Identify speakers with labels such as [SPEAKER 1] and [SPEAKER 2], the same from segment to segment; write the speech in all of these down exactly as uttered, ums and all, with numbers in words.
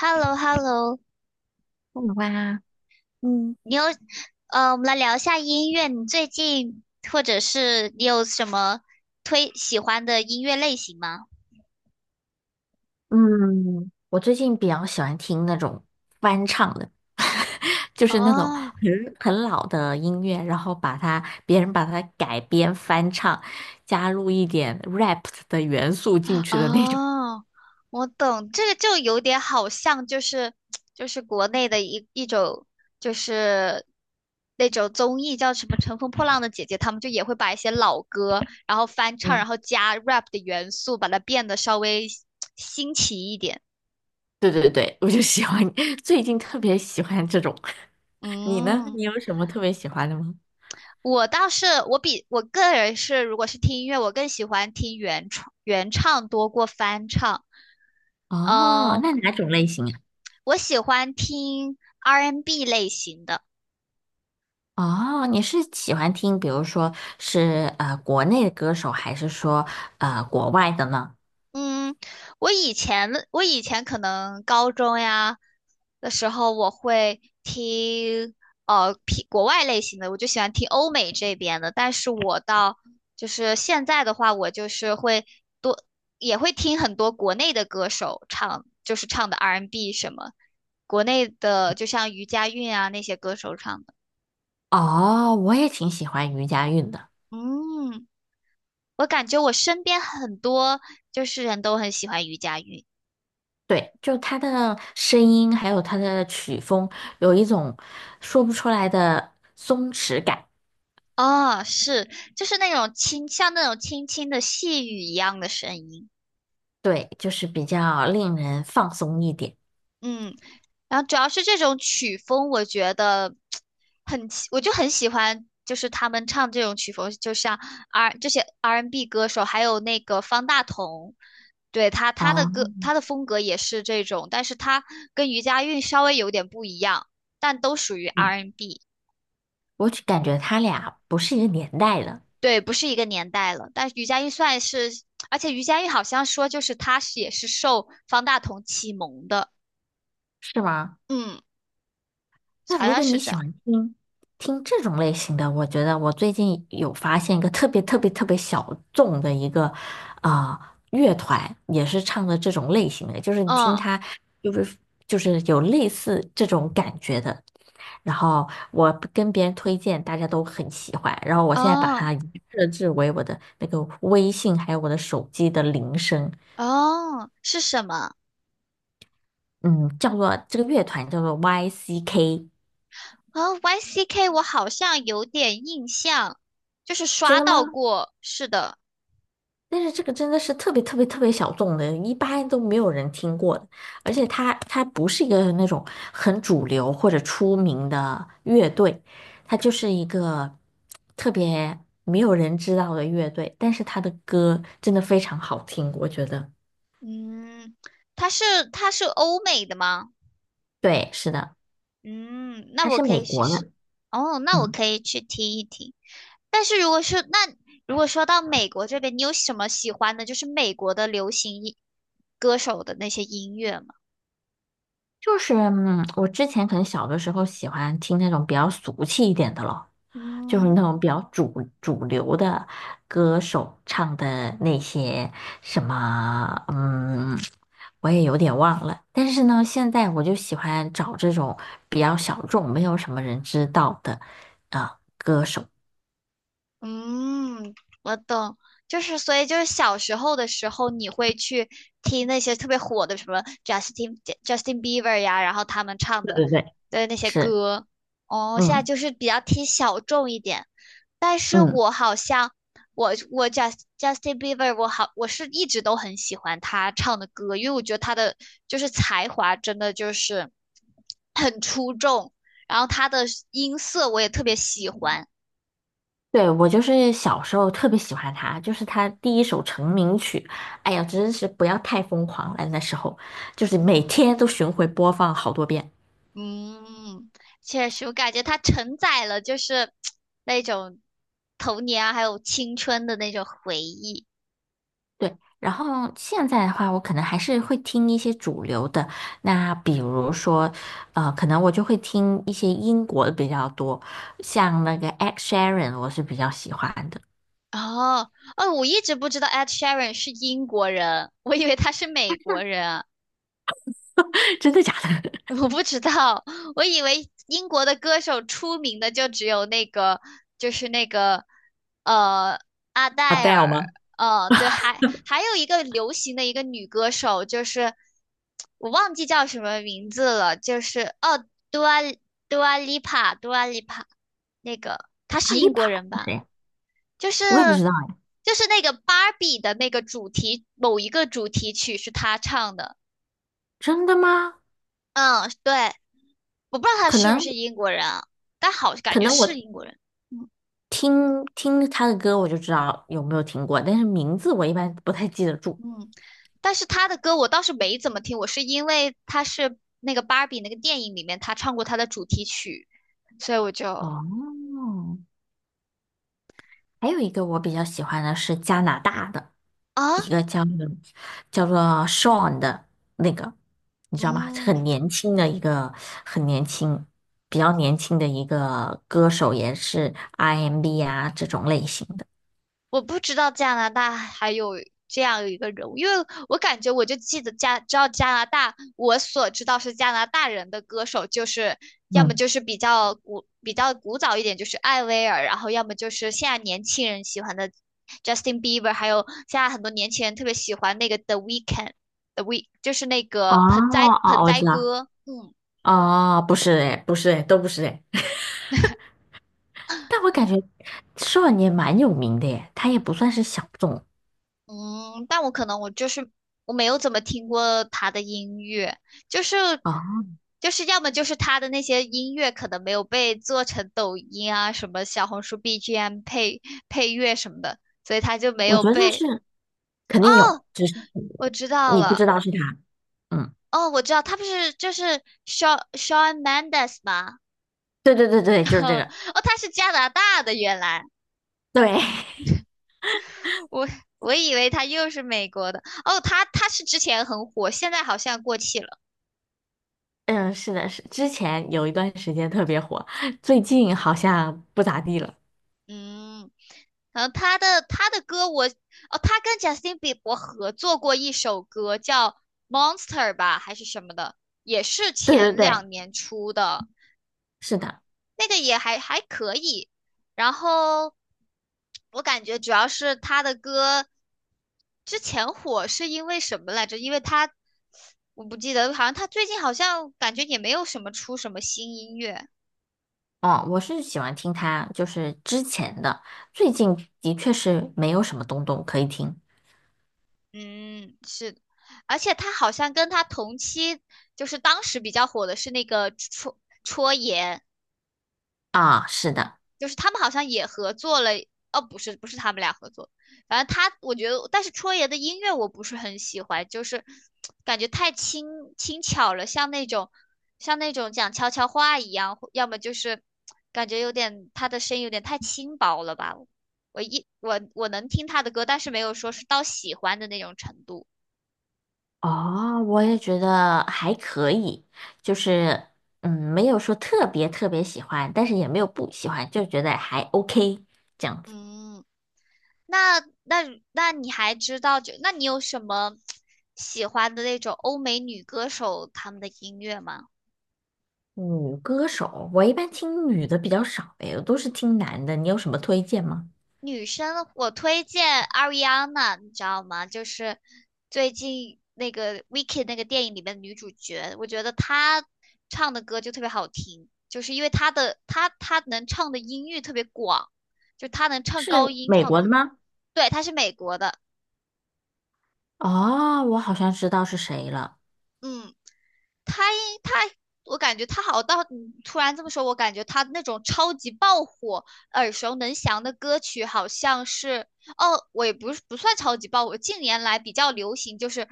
[SPEAKER 1] h e l l o h e l l o。
[SPEAKER 2] 我的话，
[SPEAKER 1] 嗯，你有，呃，我们来聊一下音乐。你最近或者是你有什么推喜欢的音乐类型吗？
[SPEAKER 2] 嗯，我最近比较喜欢听那种翻唱的，就是那种
[SPEAKER 1] 哦
[SPEAKER 2] 很很老的音乐，然后把它别人把它改编翻唱，加入一点 rap 的元素进去的那种。
[SPEAKER 1] 哦，我懂，这个就有点好像就是就是国内的一一种就是那种综艺叫什么《乘风破浪的姐姐》，他们就也会把一些老歌，然后翻唱，
[SPEAKER 2] 嗯，
[SPEAKER 1] 然后加 rap 的元素，把它变得稍微新奇一点。
[SPEAKER 2] 对对对，我就喜欢，最近特别喜欢这种。你呢？
[SPEAKER 1] 嗯
[SPEAKER 2] 你有什么特别喜欢的吗？
[SPEAKER 1] 我倒是我比我个人是，如果是听音乐，我更喜欢听原创原唱多过翻唱。
[SPEAKER 2] 哦，那
[SPEAKER 1] 嗯，
[SPEAKER 2] 哪种类型啊？
[SPEAKER 1] 我喜欢听 R and B n 类型的。
[SPEAKER 2] 哦，你是喜欢听，比如说是呃国内的歌手，还是说呃国外的呢？
[SPEAKER 1] 嗯，我以前的我以前可能高中呀的时候，我会听呃偏国外类型的，我就喜欢听欧美这边的。但是我到就是现在的话，我就是会多也会听很多国内的歌手唱，就是唱的 R and B n 什么，国内的就像余佳韵啊那些歌手唱的。
[SPEAKER 2] 哦，我也挺喜欢余佳运的。
[SPEAKER 1] 嗯，我感觉我身边很多就是人都很喜欢余佳韵。
[SPEAKER 2] 对，就她的声音，还有她的曲风，有一种说不出来的松弛感。
[SPEAKER 1] 哦，是，就是那种轻，像那种轻轻的细雨一样的声音，
[SPEAKER 2] 对，就是比较令人放松一点。
[SPEAKER 1] 嗯，然后主要是这种曲风，我觉得很喜，我就很喜欢，就是他们唱这种曲风，就像 R 这些 R and B n 歌手，还有那个方大同，对他他的歌，
[SPEAKER 2] 哦，
[SPEAKER 1] 他的风格也是这种，但是他跟余佳韵稍微有点不一样，但都属于 R and B n。
[SPEAKER 2] 我只感觉他俩不是一个年代的，
[SPEAKER 1] 对，不是一个年代了。但是余佳玉算是，而且余佳玉好像说，就是她是也是受方大同启蒙的，
[SPEAKER 2] 是吗？
[SPEAKER 1] 嗯，
[SPEAKER 2] 那
[SPEAKER 1] 好
[SPEAKER 2] 如
[SPEAKER 1] 像
[SPEAKER 2] 果
[SPEAKER 1] 是
[SPEAKER 2] 你
[SPEAKER 1] 这
[SPEAKER 2] 喜
[SPEAKER 1] 样。
[SPEAKER 2] 欢听听这种类型的，我觉得我最近有发现一个特别特别特别小众的一个啊、呃乐团，也是唱的这种类型的，就是你听
[SPEAKER 1] 嗯，
[SPEAKER 2] 它就是就是有类似这种感觉的。然后我跟别人推荐，大家都很喜欢。然后我现在把
[SPEAKER 1] 哦，
[SPEAKER 2] 它设置为我的那个微信，还有我的手机的铃声，
[SPEAKER 1] 哦，是什么？
[SPEAKER 2] 嗯，叫做这个乐团叫做 Y C K,
[SPEAKER 1] 哦，Y C K，我好像有点印象，就是
[SPEAKER 2] 真
[SPEAKER 1] 刷
[SPEAKER 2] 的
[SPEAKER 1] 到
[SPEAKER 2] 吗？
[SPEAKER 1] 过。是的，
[SPEAKER 2] 但是这个真的是特别特别特别小众的，一般都没有人听过的。而且它它不是一个那种很主流或者出名的乐队，它就是一个特别没有人知道的乐队。但是它的歌真的非常好听，我觉得。
[SPEAKER 1] 嗯，它是它是欧美的吗？
[SPEAKER 2] 对，是的，
[SPEAKER 1] 嗯，那
[SPEAKER 2] 它
[SPEAKER 1] 我
[SPEAKER 2] 是
[SPEAKER 1] 可
[SPEAKER 2] 美
[SPEAKER 1] 以试
[SPEAKER 2] 国
[SPEAKER 1] 试。
[SPEAKER 2] 的，
[SPEAKER 1] 哦，那我
[SPEAKER 2] 嗯，
[SPEAKER 1] 可以去听一听。但是如果是那如果说到美国这边，你有什么喜欢的，就是美国的流行音歌手的那些音乐吗？
[SPEAKER 2] 就是嗯，我之前可能小的时候喜欢听那种比较俗气一点的咯。就是
[SPEAKER 1] 嗯。
[SPEAKER 2] 那种比较主主流的歌手唱的那些什么，嗯，我也有点忘了。但是呢，现在我就喜欢找这种比较小众、没有什么人知道的啊。
[SPEAKER 1] 嗯，我懂，就是所以就是小时候的时候，你会去听那些特别火的什么 Justin Justin Bieber 呀，然后他们唱
[SPEAKER 2] 对
[SPEAKER 1] 的
[SPEAKER 2] 对对，
[SPEAKER 1] 的那些
[SPEAKER 2] 是，
[SPEAKER 1] 歌。哦，现在
[SPEAKER 2] 嗯
[SPEAKER 1] 就是比较听小众一点，但是
[SPEAKER 2] 嗯，
[SPEAKER 1] 我好像我我 Just Justin Bieber 我好我是一直都很喜欢他唱的歌，因为我觉得他的就是才华真的就是很出众，然后他的音色我也特别喜欢。
[SPEAKER 2] 对，我就是小时候特别喜欢他，就是他第一首成名曲，哎呀，真是不要太疯狂了，那时候就是每天都巡回播放好多遍。
[SPEAKER 1] 嗯，确实，我感觉它承载了就是那种童年啊，还有青春的那种回忆。
[SPEAKER 2] 对，然后现在的话，我可能还是会听一些主流的。那比如说，呃，可能我就会听一些英国的比较多，像那个 Ed Sheeran,我是比较喜欢的。
[SPEAKER 1] 哦，哦，我一直不知道 Ed Sheeran 是英国人，我以为他是美国人。
[SPEAKER 2] 真的假的
[SPEAKER 1] 我不知道，我以为英国的歌手出名的就只有那个，就是那个，呃，阿
[SPEAKER 2] d
[SPEAKER 1] 黛
[SPEAKER 2] a
[SPEAKER 1] 尔，
[SPEAKER 2] 吗？
[SPEAKER 1] 嗯，对，还还有一个流行的一个女歌手，就是我忘记叫什么名字了，就是哦，Dua Dua l i p a 那个她
[SPEAKER 2] 阿
[SPEAKER 1] 是
[SPEAKER 2] 丽
[SPEAKER 1] 英国
[SPEAKER 2] 帕
[SPEAKER 1] 人
[SPEAKER 2] 是谁
[SPEAKER 1] 吧？
[SPEAKER 2] 啊？
[SPEAKER 1] 就是
[SPEAKER 2] 我也不知道哎。
[SPEAKER 1] 就是那个芭比的那个主题，某一个主题曲是她唱的，
[SPEAKER 2] 真的吗？
[SPEAKER 1] 嗯，对。我不知道他
[SPEAKER 2] 可
[SPEAKER 1] 是不
[SPEAKER 2] 能
[SPEAKER 1] 是英国人啊，但好感
[SPEAKER 2] 可
[SPEAKER 1] 觉
[SPEAKER 2] 能
[SPEAKER 1] 是
[SPEAKER 2] 我
[SPEAKER 1] 英国人。
[SPEAKER 2] 听听他的歌，我就知道有没有听过，但是名字我一般不太记得住。
[SPEAKER 1] 嗯，但是他的歌我倒是没怎么听，我是因为他是那个芭比那个电影里面他唱过他的主题曲，所以我就
[SPEAKER 2] 哦，还有一个我比较喜欢的是加拿大的。
[SPEAKER 1] 啊，
[SPEAKER 2] 一个叫嗯叫做 Sean 的那个，你知道吗？很
[SPEAKER 1] 嗯，
[SPEAKER 2] 年轻的一个，很年轻，比较年轻的一个歌手，也是 R and B 啊这种类型的。
[SPEAKER 1] 我不知道加拿大还有这样一个人物，因为我感觉我就记得加，知道加拿大，我所知道是加拿大人的歌手，就是要么
[SPEAKER 2] 嗯，
[SPEAKER 1] 就是比较古比较古早一点，就是艾薇儿，然后要么就是现在年轻人喜欢的 Justin Bieber，还有现在很多年轻人特别喜欢那个 The Weeknd，The Week 就是那
[SPEAKER 2] 哦
[SPEAKER 1] 个盆栽
[SPEAKER 2] 哦，
[SPEAKER 1] 盆
[SPEAKER 2] 我
[SPEAKER 1] 栽
[SPEAKER 2] 知道。
[SPEAKER 1] 哥，嗯。
[SPEAKER 2] 哦，不是哎，不是哎，都不是哎。但我感觉 Sean 也蛮有名的耶，他也不算是小众
[SPEAKER 1] 嗯，但我可能我就是我没有怎么听过他的音乐，就是
[SPEAKER 2] 哦，
[SPEAKER 1] 就是要么就是他的那些音乐可能没有被做成抖音啊什么小红书 B G M 配配乐什么的，所以他就没
[SPEAKER 2] 我
[SPEAKER 1] 有
[SPEAKER 2] 觉得
[SPEAKER 1] 被。
[SPEAKER 2] 是肯定有，
[SPEAKER 1] 哦，
[SPEAKER 2] 只是
[SPEAKER 1] 我知道
[SPEAKER 2] 你不
[SPEAKER 1] 了，
[SPEAKER 2] 知道是他。嗯，
[SPEAKER 1] 哦，我知道他不是就是 Shawn Shawn Mendes 吗？
[SPEAKER 2] 对对对对，就 是这
[SPEAKER 1] 哦，
[SPEAKER 2] 个。
[SPEAKER 1] 他是加拿大的，原来
[SPEAKER 2] 对，
[SPEAKER 1] 我我以为他又是美国的。哦，他他是之前很火，现在好像过气了。
[SPEAKER 2] 嗯，是的，是之前有一段时间特别火，最近好像不咋地了。
[SPEAKER 1] 嗯，然后他的他的歌我哦，他跟贾斯汀比伯合作过一首歌叫《Monster》吧，还是什么的，也是
[SPEAKER 2] 对对
[SPEAKER 1] 前
[SPEAKER 2] 对，
[SPEAKER 1] 两年出的，
[SPEAKER 2] 是的，
[SPEAKER 1] 那个也还还可以。然后我感觉主要是他的歌之前火是因为什么来着？因为他我不记得，好像他最近好像感觉也没有什么出什么新音乐。
[SPEAKER 2] 哦，我是喜欢听他，就是之前的，最近的确是没有什么东东可以听
[SPEAKER 1] 嗯，是，而且他好像跟他同期，就是当时比较火的是那个戳戳爷，
[SPEAKER 2] 啊。是的，
[SPEAKER 1] 就是他们好像也合作了，哦，不是，不是他们俩合作，反正他，我觉得，但是戳爷的音乐我不是很喜欢，就是感觉太轻轻巧了，像那种像那种讲悄悄话一样，要么就是感觉有点他的声音有点太轻薄了吧，我一我我能听他的歌，但是没有说是到喜欢的那种程度，
[SPEAKER 2] 哦，我也觉得还可以，就是嗯，没有说特别特别喜欢，但是也没有不喜欢，就觉得还 OK 这样子。
[SPEAKER 1] 嗯。那那那你还知道就那你有什么喜欢的那种欧美女歌手她们的音乐吗？
[SPEAKER 2] 女歌手，我一般听女的比较少，哎，我都是听男的，你有什么推荐吗？
[SPEAKER 1] 女生我推荐 Ariana，你知道吗？就是最近那个《v i c k y 那个电影里面的女主角，我觉得她唱的歌就特别好听，就是因为她的她她能唱的音域特别广，就她能唱高
[SPEAKER 2] 是
[SPEAKER 1] 音
[SPEAKER 2] 美
[SPEAKER 1] 唱的
[SPEAKER 2] 国的
[SPEAKER 1] 很，
[SPEAKER 2] 吗？
[SPEAKER 1] 对，她是美国的，
[SPEAKER 2] 哦，我好像知道是谁了。
[SPEAKER 1] 嗯。他他，我感觉他好到你突然这么说，我感觉他那种超级爆火、耳熟能详的歌曲，好像是哦，我也不是不算超级爆火，近年来比较流行，就是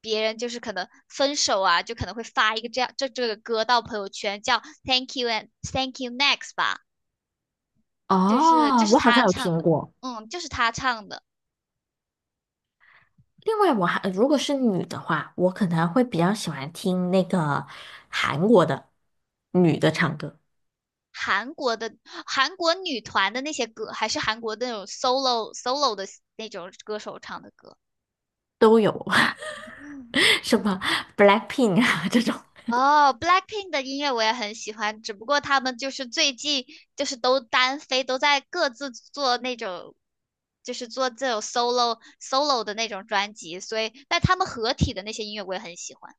[SPEAKER 1] 别人就是可能分手啊，就可能会发一个这样这这个歌到朋友圈，叫 Thank you and Thank you next 吧，就是就
[SPEAKER 2] 哦，
[SPEAKER 1] 是
[SPEAKER 2] 我好
[SPEAKER 1] 他
[SPEAKER 2] 像有
[SPEAKER 1] 唱
[SPEAKER 2] 听
[SPEAKER 1] 的，
[SPEAKER 2] 过。
[SPEAKER 1] 嗯，就是他唱的。
[SPEAKER 2] 另外，我还如果是女的话，我可能会比较喜欢听那个韩国的女的唱歌，
[SPEAKER 1] 韩国的韩国女团的那些歌，还是韩国的那种 solo solo 的那种歌手唱的歌。
[SPEAKER 2] 都有
[SPEAKER 1] 嗯，
[SPEAKER 2] 什么 BLACKPINK 啊这种。
[SPEAKER 1] 哦，Blackpink 的音乐我也很喜欢，只不过他们就是最近就是都单飞，都在各自做那种，就是做这种 solo solo 的那种专辑，所以但他们合体的那些音乐我也很喜欢。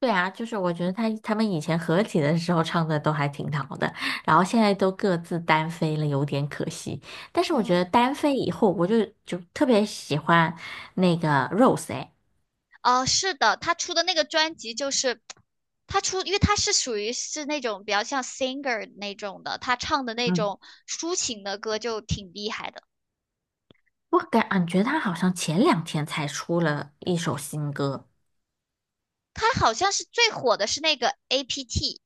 [SPEAKER 2] 对啊，就是我觉得他他们以前合体的时候唱的都还挺好的，然后现在都各自单飞了，有点可惜。但是我觉
[SPEAKER 1] 嗯，
[SPEAKER 2] 得单飞以后，我就就特别喜欢那个 Rose 哎。
[SPEAKER 1] 哦，是的，他出的那个专辑就是他出，因为他是属于是那种比较像 singer 那种的，他唱的那种抒情的歌就挺厉害的。
[SPEAKER 2] 我感觉他好像前两天才出了一首新歌，
[SPEAKER 1] 他好像是最火的是那个 A P T，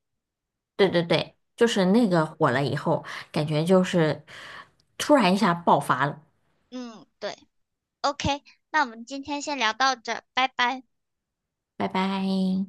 [SPEAKER 2] 对对对，就
[SPEAKER 1] 嗯，
[SPEAKER 2] 是那个火了以后，感觉就是突然一下爆发了。
[SPEAKER 1] 嗯，对。OK，那我们今天先聊到这儿，拜拜。
[SPEAKER 2] 拜拜。